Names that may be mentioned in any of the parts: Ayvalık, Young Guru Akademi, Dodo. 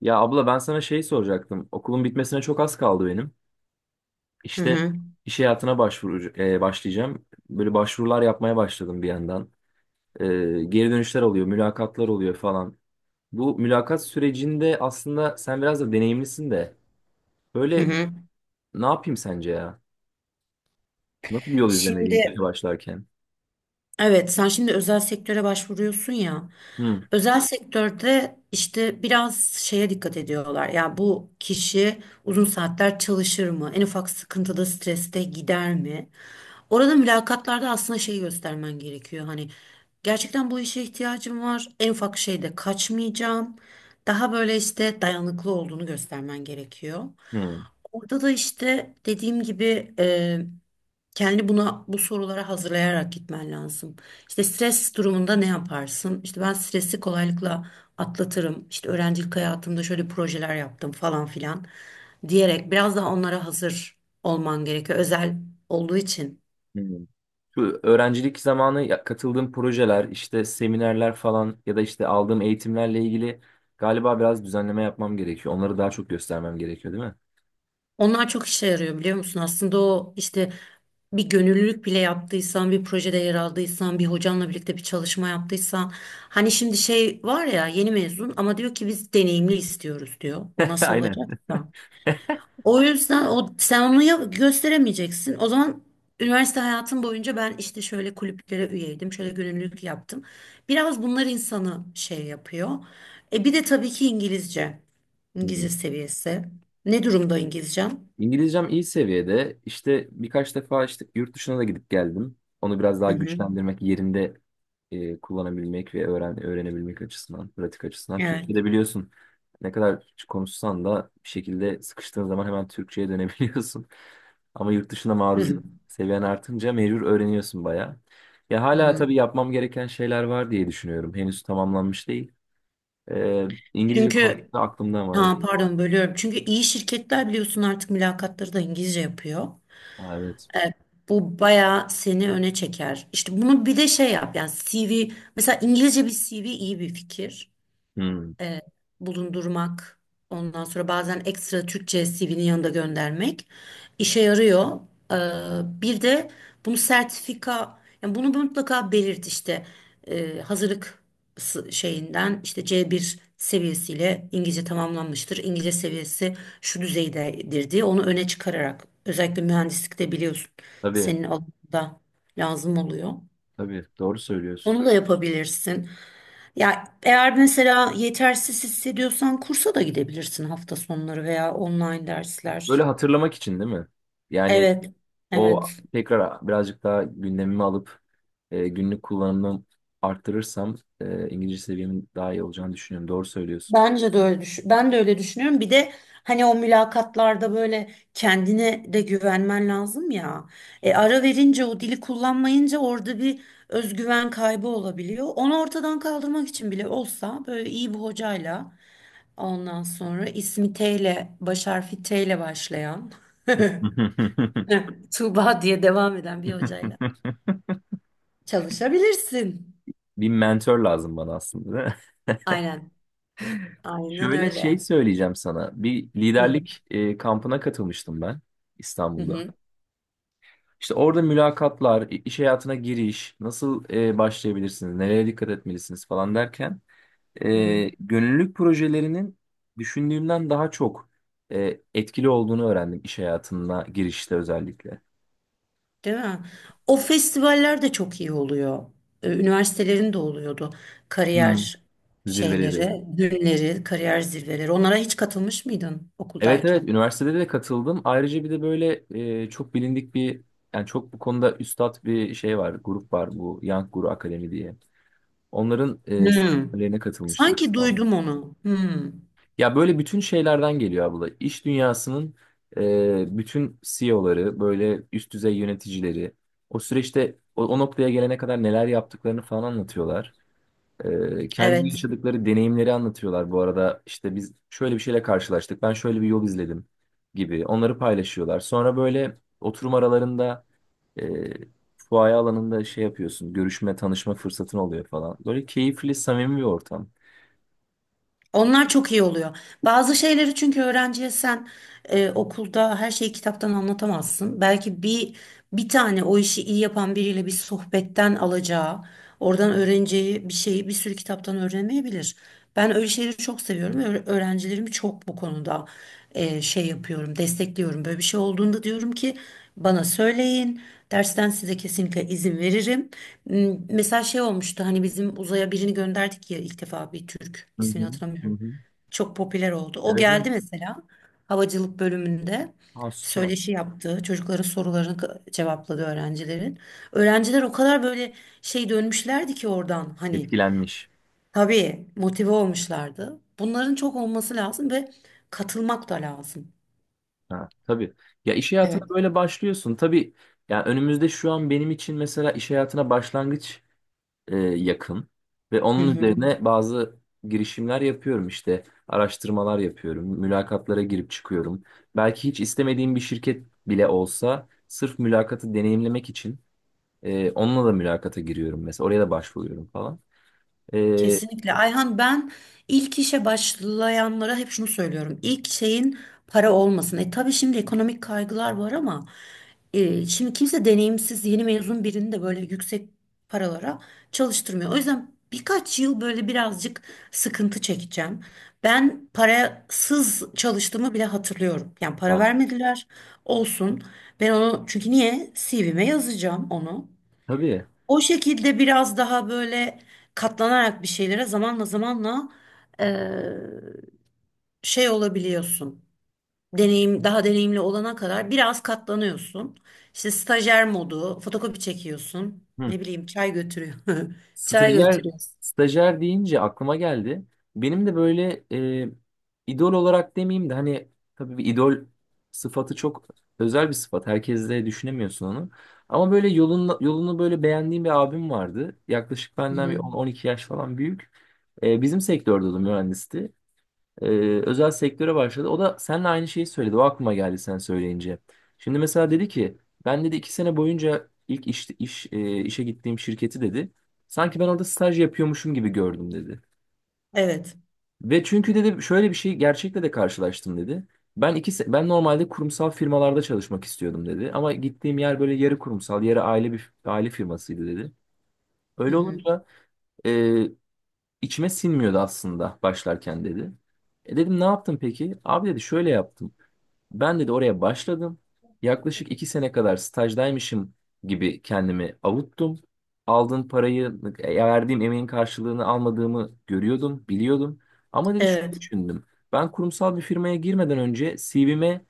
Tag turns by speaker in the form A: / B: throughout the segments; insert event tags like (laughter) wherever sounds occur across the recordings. A: Ya abla ben sana şey soracaktım. Okulun bitmesine çok az kaldı benim.
B: Hı
A: İşte
B: hı,
A: iş hayatına başvuru, başlayacağım. Böyle başvurular yapmaya başladım bir yandan. E, geri dönüşler oluyor, mülakatlar oluyor falan. Bu mülakat sürecinde aslında sen biraz da deneyimlisin de.
B: hı
A: Böyle
B: hı.
A: ne yapayım sence ya? Nasıl bir yol izlemeliyim
B: Şimdi
A: işe başlarken?
B: evet sen şimdi özel sektöre başvuruyorsun ya.
A: Hı,
B: Özel sektörde işte biraz şeye dikkat ediyorlar. Ya bu kişi uzun saatler çalışır mı? En ufak sıkıntıda, streste gider mi? Orada mülakatlarda aslında şey göstermen gerekiyor. Hani gerçekten bu işe ihtiyacım var. En ufak şeyde kaçmayacağım. Daha böyle işte dayanıklı olduğunu göstermen gerekiyor.
A: hı,
B: Orada da işte dediğim gibi kendi buna bu sorulara hazırlayarak gitmen lazım. İşte stres durumunda ne yaparsın? İşte ben stresi kolaylıkla atlatırım. İşte öğrencilik hayatımda şöyle projeler yaptım falan filan diyerek biraz daha onlara hazır olman gerekiyor. Özel olduğu için.
A: hı. Şu öğrencilik zamanı katıldığım projeler, işte seminerler falan ya da işte aldığım eğitimlerle ilgili galiba biraz düzenleme yapmam gerekiyor. Onları daha çok göstermem gerekiyor, değil mi?
B: Onlar çok işe yarıyor biliyor musun? Aslında o işte bir gönüllülük bile yaptıysan, bir projede yer aldıysan, bir hocanla birlikte bir çalışma yaptıysan. Hani şimdi şey var ya yeni mezun ama diyor ki biz deneyimli istiyoruz diyor. O
A: (laughs)
B: nasıl
A: Aynen.
B: olacaksa. O yüzden o sen onu ya- gösteremeyeceksin. O zaman üniversite hayatım boyunca ben işte şöyle kulüplere üyeydim, şöyle gönüllülük yaptım. Biraz bunlar insanı şey yapıyor. E bir de tabii ki İngilizce. İngilizce seviyesi. Ne durumda İngilizcem?
A: İngilizcem iyi seviyede. İşte birkaç defa işte yurt dışına da gidip geldim. Onu biraz daha
B: Hı hı.
A: güçlendirmek, yerinde kullanabilmek ve öğrenebilmek açısından, pratik açısından. Türkçe'de
B: Evet.
A: biliyorsun ne kadar konuşsan da bir şekilde sıkıştığın zaman hemen Türkçe'ye dönebiliyorsun. (laughs) Ama yurt dışına
B: Hı
A: maruziyet
B: hı.
A: seviyen artınca mecbur öğreniyorsun bayağı. Ya
B: Hı
A: hala
B: hı.
A: tabii yapmam gereken şeyler var diye düşünüyorum. Henüz tamamlanmış değil. E, İngilizce
B: Çünkü
A: konusunda aklımda var.
B: ha pardon bölüyorum. Çünkü iyi şirketler biliyorsun artık mülakatları da İngilizce yapıyor.
A: Ha, evet.
B: Evet, bu bayağı seni öne çeker. İşte bunu bir de şey yap yani CV mesela, İngilizce bir CV iyi bir fikir,
A: Hmm,
B: e, bulundurmak. Ondan sonra bazen ekstra Türkçe CV'nin yanında göndermek işe yarıyor. Bir de bunu sertifika, yani bunu mutlaka belirt işte. Hazırlık s- şeyinden işte c bir seviyesiyle İngilizce tamamlanmıştır. İngilizce seviyesi şu düzeydedir diye onu öne çıkararak özellikle mühendislikte biliyorsun
A: tabii.
B: senin alanında lazım oluyor.
A: Tabii doğru söylüyorsun.
B: Onu da yapabilirsin. Ya eğer mesela yetersiz hissediyorsan kursa da gidebilirsin hafta sonları veya online dersler.
A: Böyle hatırlamak için değil mi? Yani
B: Evet, evet.
A: o tekrar birazcık daha gündemimi alıp günlük kullanımımı arttırırsam İngilizce seviyemin daha iyi olacağını düşünüyorum. Doğru söylüyorsun.
B: Bence de öyle düş ben de öyle düşünüyorum. Bir de hani o mülakatlarda böyle kendine de güvenmen lazım ya. E, ara verince o dili kullanmayınca orada bir özgüven kaybı olabiliyor. Onu ortadan kaldırmak için bile olsa böyle iyi bir hocayla ondan sonra ismi T ile baş harfi T ile başlayan (laughs)
A: (laughs)
B: (laughs) Tuğba diye devam eden bir hocayla çalışabilirsin.
A: Bir mentor lazım bana aslında. Değil mi?
B: Aynen. Aynen
A: Şöyle şey
B: öyle.
A: söyleyeceğim sana. Bir
B: Hı.
A: liderlik kampına katılmıştım ben
B: Hı
A: İstanbul'da.
B: hı.
A: İşte orada mülakatlar, iş hayatına giriş, nasıl başlayabilirsiniz, nereye dikkat etmelisiniz falan derken
B: Hı hı.
A: gönüllülük projelerinin düşündüğümden daha çok etkili olduğunu öğrendim iş hayatına girişte özellikle.
B: Değil mi? O festivaller de çok iyi oluyor. Üniversitelerin de oluyordu.
A: Hmm.
B: Kariyer
A: Zirveleri.
B: şeyleri, günleri, kariyer zirveleri. Onlara hiç katılmış mıydın
A: Evet, evet,
B: okuldayken?
A: üniversitede de katıldım. Ayrıca bir de böyle çok bilindik bir yani çok bu konuda üstat bir şey var, grup var, bu Young Guru Akademi diye. Onların
B: Hı.
A: seminerlerine katılmıştım.
B: Sanki duydum onu. Hı.
A: Ya böyle bütün şeylerden geliyor abla. İş dünyasının bütün CEO'ları, böyle üst düzey yöneticileri o süreçte o noktaya gelene kadar neler yaptıklarını falan anlatıyorlar. Kendi
B: Evet.
A: yaşadıkları deneyimleri anlatıyorlar bu arada. İşte biz şöyle bir şeyle karşılaştık, ben şöyle bir yol izledim gibi onları paylaşıyorlar. Sonra böyle oturum aralarında e, fuaye alanında şey yapıyorsun, görüşme, tanışma fırsatın oluyor falan. Böyle keyifli, samimi bir ortam.
B: Onlar çok iyi oluyor. Bazı şeyleri çünkü öğrenciye sen okulda her şeyi kitaptan anlatamazsın. Belki bir bir tane o işi iyi yapan biriyle bir sohbetten alacağı, oradan öğreneceği bir şeyi bir sürü kitaptan öğrenemeyebilir. Ben öyle şeyleri çok seviyorum. Öğrencilerimi çok bu konuda şey yapıyorum, destekliyorum. Böyle bir şey olduğunda diyorum ki bana söyleyin. Dersten size kesinlikle izin veririm. M- Mesela şey olmuştu hani bizim uzaya birini gönderdik ya ilk defa bir Türk,
A: Hı
B: ismini
A: hı, hı
B: hatırlamıyorum.
A: hı.
B: Çok popüler oldu. O
A: Evet, evet.
B: geldi mesela havacılık bölümünde
A: Ha, süper.
B: söyleşi yaptı. Çocukların sorularını k- cevapladı öğrencilerin. Öğrenciler o kadar böyle şey dönmüşlerdi ki oradan hani
A: Etkilenmiş.
B: tabii motive olmuşlardı. Bunların çok olması lazım ve katılmak da lazım.
A: Ha, tabii. Ya iş hayatına
B: Evet.
A: böyle başlıyorsun. Tabii ya önümüzde şu an benim için mesela iş hayatına başlangıç yakın ve
B: Hı
A: onun
B: hı.
A: üzerine bazı girişimler yapıyorum işte. Araştırmalar yapıyorum. Mülakatlara girip çıkıyorum. Belki hiç istemediğim bir şirket bile olsa sırf mülakatı deneyimlemek için onunla da mülakata giriyorum mesela. Oraya da başvuruyorum falan. E,
B: Kesinlikle. Ayhan, ben ilk işe başlayanlara hep şunu söylüyorum. İlk şeyin para olmasın. E tabii şimdi ekonomik kaygılar var ama şimdi kimse deneyimsiz yeni mezun birini de böyle yüksek paralara çalıştırmıyor. O yüzden birkaç yıl böyle birazcık sıkıntı çekeceğim. Ben parasız çalıştığımı bile hatırlıyorum. Yani para
A: ya,
B: vermediler olsun. Ben onu çünkü niye? CV'me yazacağım onu.
A: tabii.
B: O şekilde biraz daha böyle katlanarak bir şeylere zamanla zamanla, eee, şey olabiliyorsun. Deneyim daha deneyimli olana kadar biraz katlanıyorsun. İşte stajyer modu, fotokopi çekiyorsun.
A: Hı.
B: Ne bileyim çay götürüyor. (laughs) Çay
A: Stajyer,
B: götürüyorsun.
A: stajyer deyince aklıma geldi. Benim de böyle e, idol olarak demeyeyim de hani tabii bir idol sıfatı çok özel bir sıfat. Herkes de düşünemiyorsun onu. Ama böyle yolunu, yolunu böyle beğendiğim bir abim vardı. Yaklaşık
B: Hı
A: benden bir
B: hı.
A: 10-12 yaş falan büyük. Bizim sektörde o da mühendisti, e, özel sektöre başladı. O da seninle aynı şeyi söyledi. O aklıma geldi sen söyleyince. Şimdi mesela dedi ki, ben dedi, 2 sene boyunca ilk işe gittiğim şirketi dedi. Sanki ben orada staj yapıyormuşum gibi gördüm dedi.
B: Evet.
A: Ve çünkü dedi şöyle bir şey gerçekle de karşılaştım dedi. Ben normalde kurumsal firmalarda çalışmak istiyordum dedi. Ama gittiğim yer böyle yarı kurumsal, yarı aile bir aile firmasıydı dedi.
B: Hı
A: Öyle
B: hı.
A: olunca e, içime sinmiyordu aslında başlarken dedi. Dedim ne yaptın peki? Abi dedi şöyle yaptım. Ben dedi oraya başladım. Yaklaşık 2 sene kadar stajdaymışım gibi kendimi avuttum. Aldığın parayı, verdiğim emeğin karşılığını almadığımı görüyordum, biliyordum. Ama dedi şunu
B: Evet.
A: düşündüm. Ben kurumsal bir firmaya girmeden önce CV'me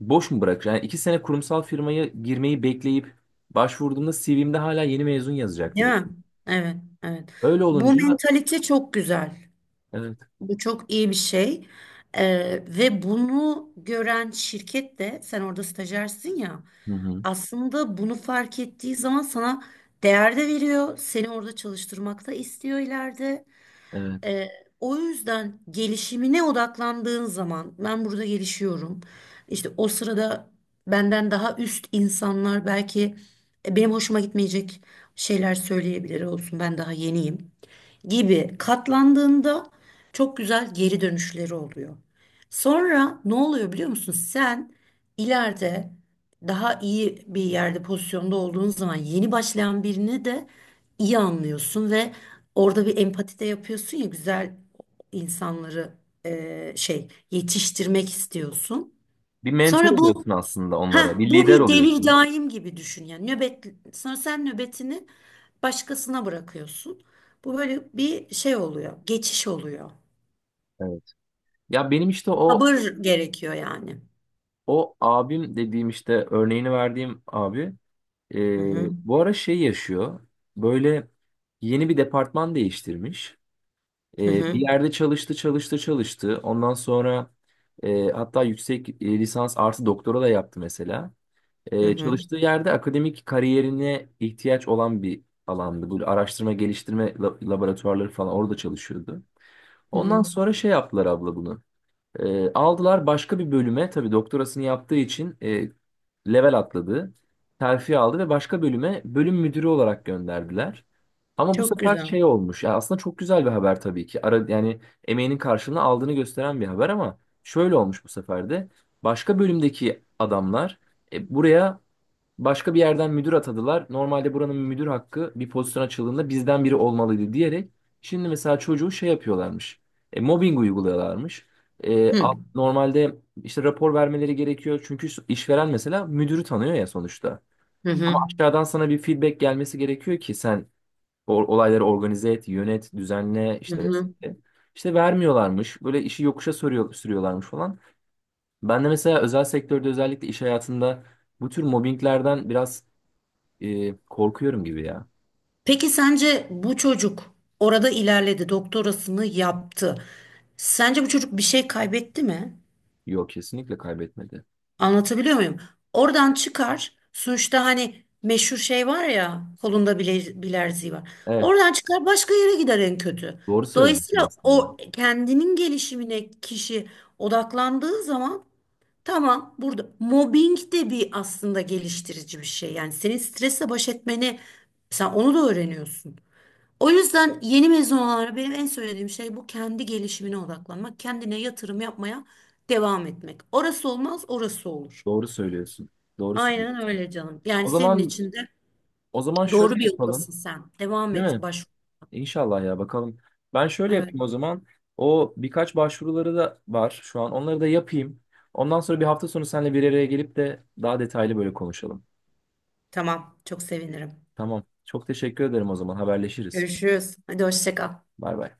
A: boş mu bırakacağım? Yani 2 sene kurumsal firmaya girmeyi bekleyip başvurduğumda CV'mde hala yeni mezun yazacaktı,
B: Değil
A: dedi.
B: mi? Evet, evet.
A: Öyle
B: Bu
A: olunca,
B: mentalite çok güzel.
A: evet.
B: Bu çok iyi bir şey. Ve bunu gören şirket de sen orada stajyersin ya,
A: Hı hı,
B: aslında bunu fark ettiği zaman sana değer de veriyor. Seni orada çalıştırmak da istiyor ileride.
A: evet.
B: Ee, O yüzden gelişimine odaklandığın zaman ben burada gelişiyorum. İşte o sırada benden daha üst insanlar belki benim hoşuma gitmeyecek şeyler söyleyebilir, olsun ben daha yeniyim gibi katlandığında çok güzel geri dönüşleri oluyor. Sonra ne oluyor biliyor musun? Sen ileride daha iyi bir yerde, pozisyonda olduğun zaman yeni başlayan birini de iyi anlıyorsun ve orada bir empati de yapıyorsun ya, güzel insanları şey yetiştirmek istiyorsun.
A: Bir mentor
B: Sonra bu,
A: oluyorsun aslında onlara.
B: ha
A: Bir
B: bu
A: lider
B: bir devir
A: oluyorsun.
B: daim gibi düşün, yani nöbet, sonra sen nöbetini başkasına bırakıyorsun. Bu böyle bir şey oluyor, geçiş oluyor.
A: Evet. Ya benim işte o
B: Sabır gerekiyor yani.
A: O abim dediğim, işte örneğini verdiğim abi, e,
B: Hı hı.
A: bu ara şey yaşıyor. Böyle yeni bir departman değiştirmiş.
B: Hı
A: Bir
B: hı.
A: yerde çalıştı çalıştı çalıştı. Ondan sonra hatta yüksek lisans artı doktora da yaptı mesela.
B: Hı
A: E,
B: hı.
A: çalıştığı yerde akademik kariyerine ihtiyaç olan bir alandı. Bu araştırma geliştirme laboratuvarları falan orada çalışıyordu.
B: Hı hı.
A: Ondan sonra şey yaptılar abla bunu. Aldılar başka bir bölüme, tabii doktorasını yaptığı için level atladı. Terfi aldı ve başka bölüme bölüm müdürü olarak gönderdiler. Ama bu
B: Çok
A: sefer
B: güzel.
A: şey olmuş. Ya aslında çok güzel bir haber tabii ki. Yani emeğinin karşılığını aldığını gösteren bir haber, ama şöyle olmuş bu sefer de. Başka bölümdeki adamlar buraya başka bir yerden müdür atadılar. Normalde buranın müdür hakkı bir pozisyon açıldığında bizden biri olmalıydı diyerek, şimdi mesela çocuğu şey yapıyorlarmış. Mobbing uyguluyorlarmış. E,
B: Hı hı.
A: a- normalde işte rapor vermeleri gerekiyor. Çünkü işveren mesela müdürü tanıyor ya sonuçta.
B: Hı
A: Ama
B: hı.
A: aşağıdan sana bir feedback gelmesi gerekiyor ki sen olayları organize et, yönet, düzenle
B: Hı
A: işte
B: hı.
A: vesaire. İşte vermiyorlarmış. Böyle işi yokuşa sürüyorlarmış falan. Ben de mesela özel sektörde özellikle iş hayatında bu tür mobbinglerden biraz korkuyorum gibi ya.
B: Peki sence bu çocuk orada ilerledi, doktorasını yaptı. Sence bu çocuk bir şey kaybetti mi?
A: Yok, kesinlikle kaybetmedi.
B: Anlatabiliyor muyum? Oradan çıkar. Sonuçta hani meşhur şey var ya, kolunda bile bilerziği var.
A: Evet,
B: Oradan çıkar başka yere gider en kötü.
A: doğru söylüyorsun
B: Dolayısıyla
A: aslında.
B: o kendinin gelişimine kişi odaklandığı zaman tamam, burada mobbing de bir aslında geliştirici bir şey. Yani senin stresle baş etmeni sen onu da öğreniyorsun. O yüzden yeni mezun olanlara benim en söylediğim şey bu, kendi gelişimine odaklanmak, kendine yatırım yapmaya devam etmek. Orası olmaz, orası olur.
A: Doğru söylüyorsun. Doğru
B: Aynen
A: söylüyorsun.
B: öyle canım. Yani
A: O
B: senin
A: zaman
B: için de
A: o zaman şöyle
B: doğru bir
A: yapalım.
B: yoldasın sen. Devam
A: Değil
B: et,
A: mi?
B: baş.
A: İnşallah ya, bakalım. Ben şöyle
B: Evet,
A: yapayım o zaman. O birkaç başvuruları da var şu an. Onları da yapayım. Ondan sonra bir hafta sonu seninle bir araya gelip de daha detaylı böyle konuşalım.
B: tamam. Çok sevinirim.
A: Tamam. Çok teşekkür ederim o zaman. Haberleşiriz.
B: Görüşürüz. Hadi hoşça kal.
A: Bay bay.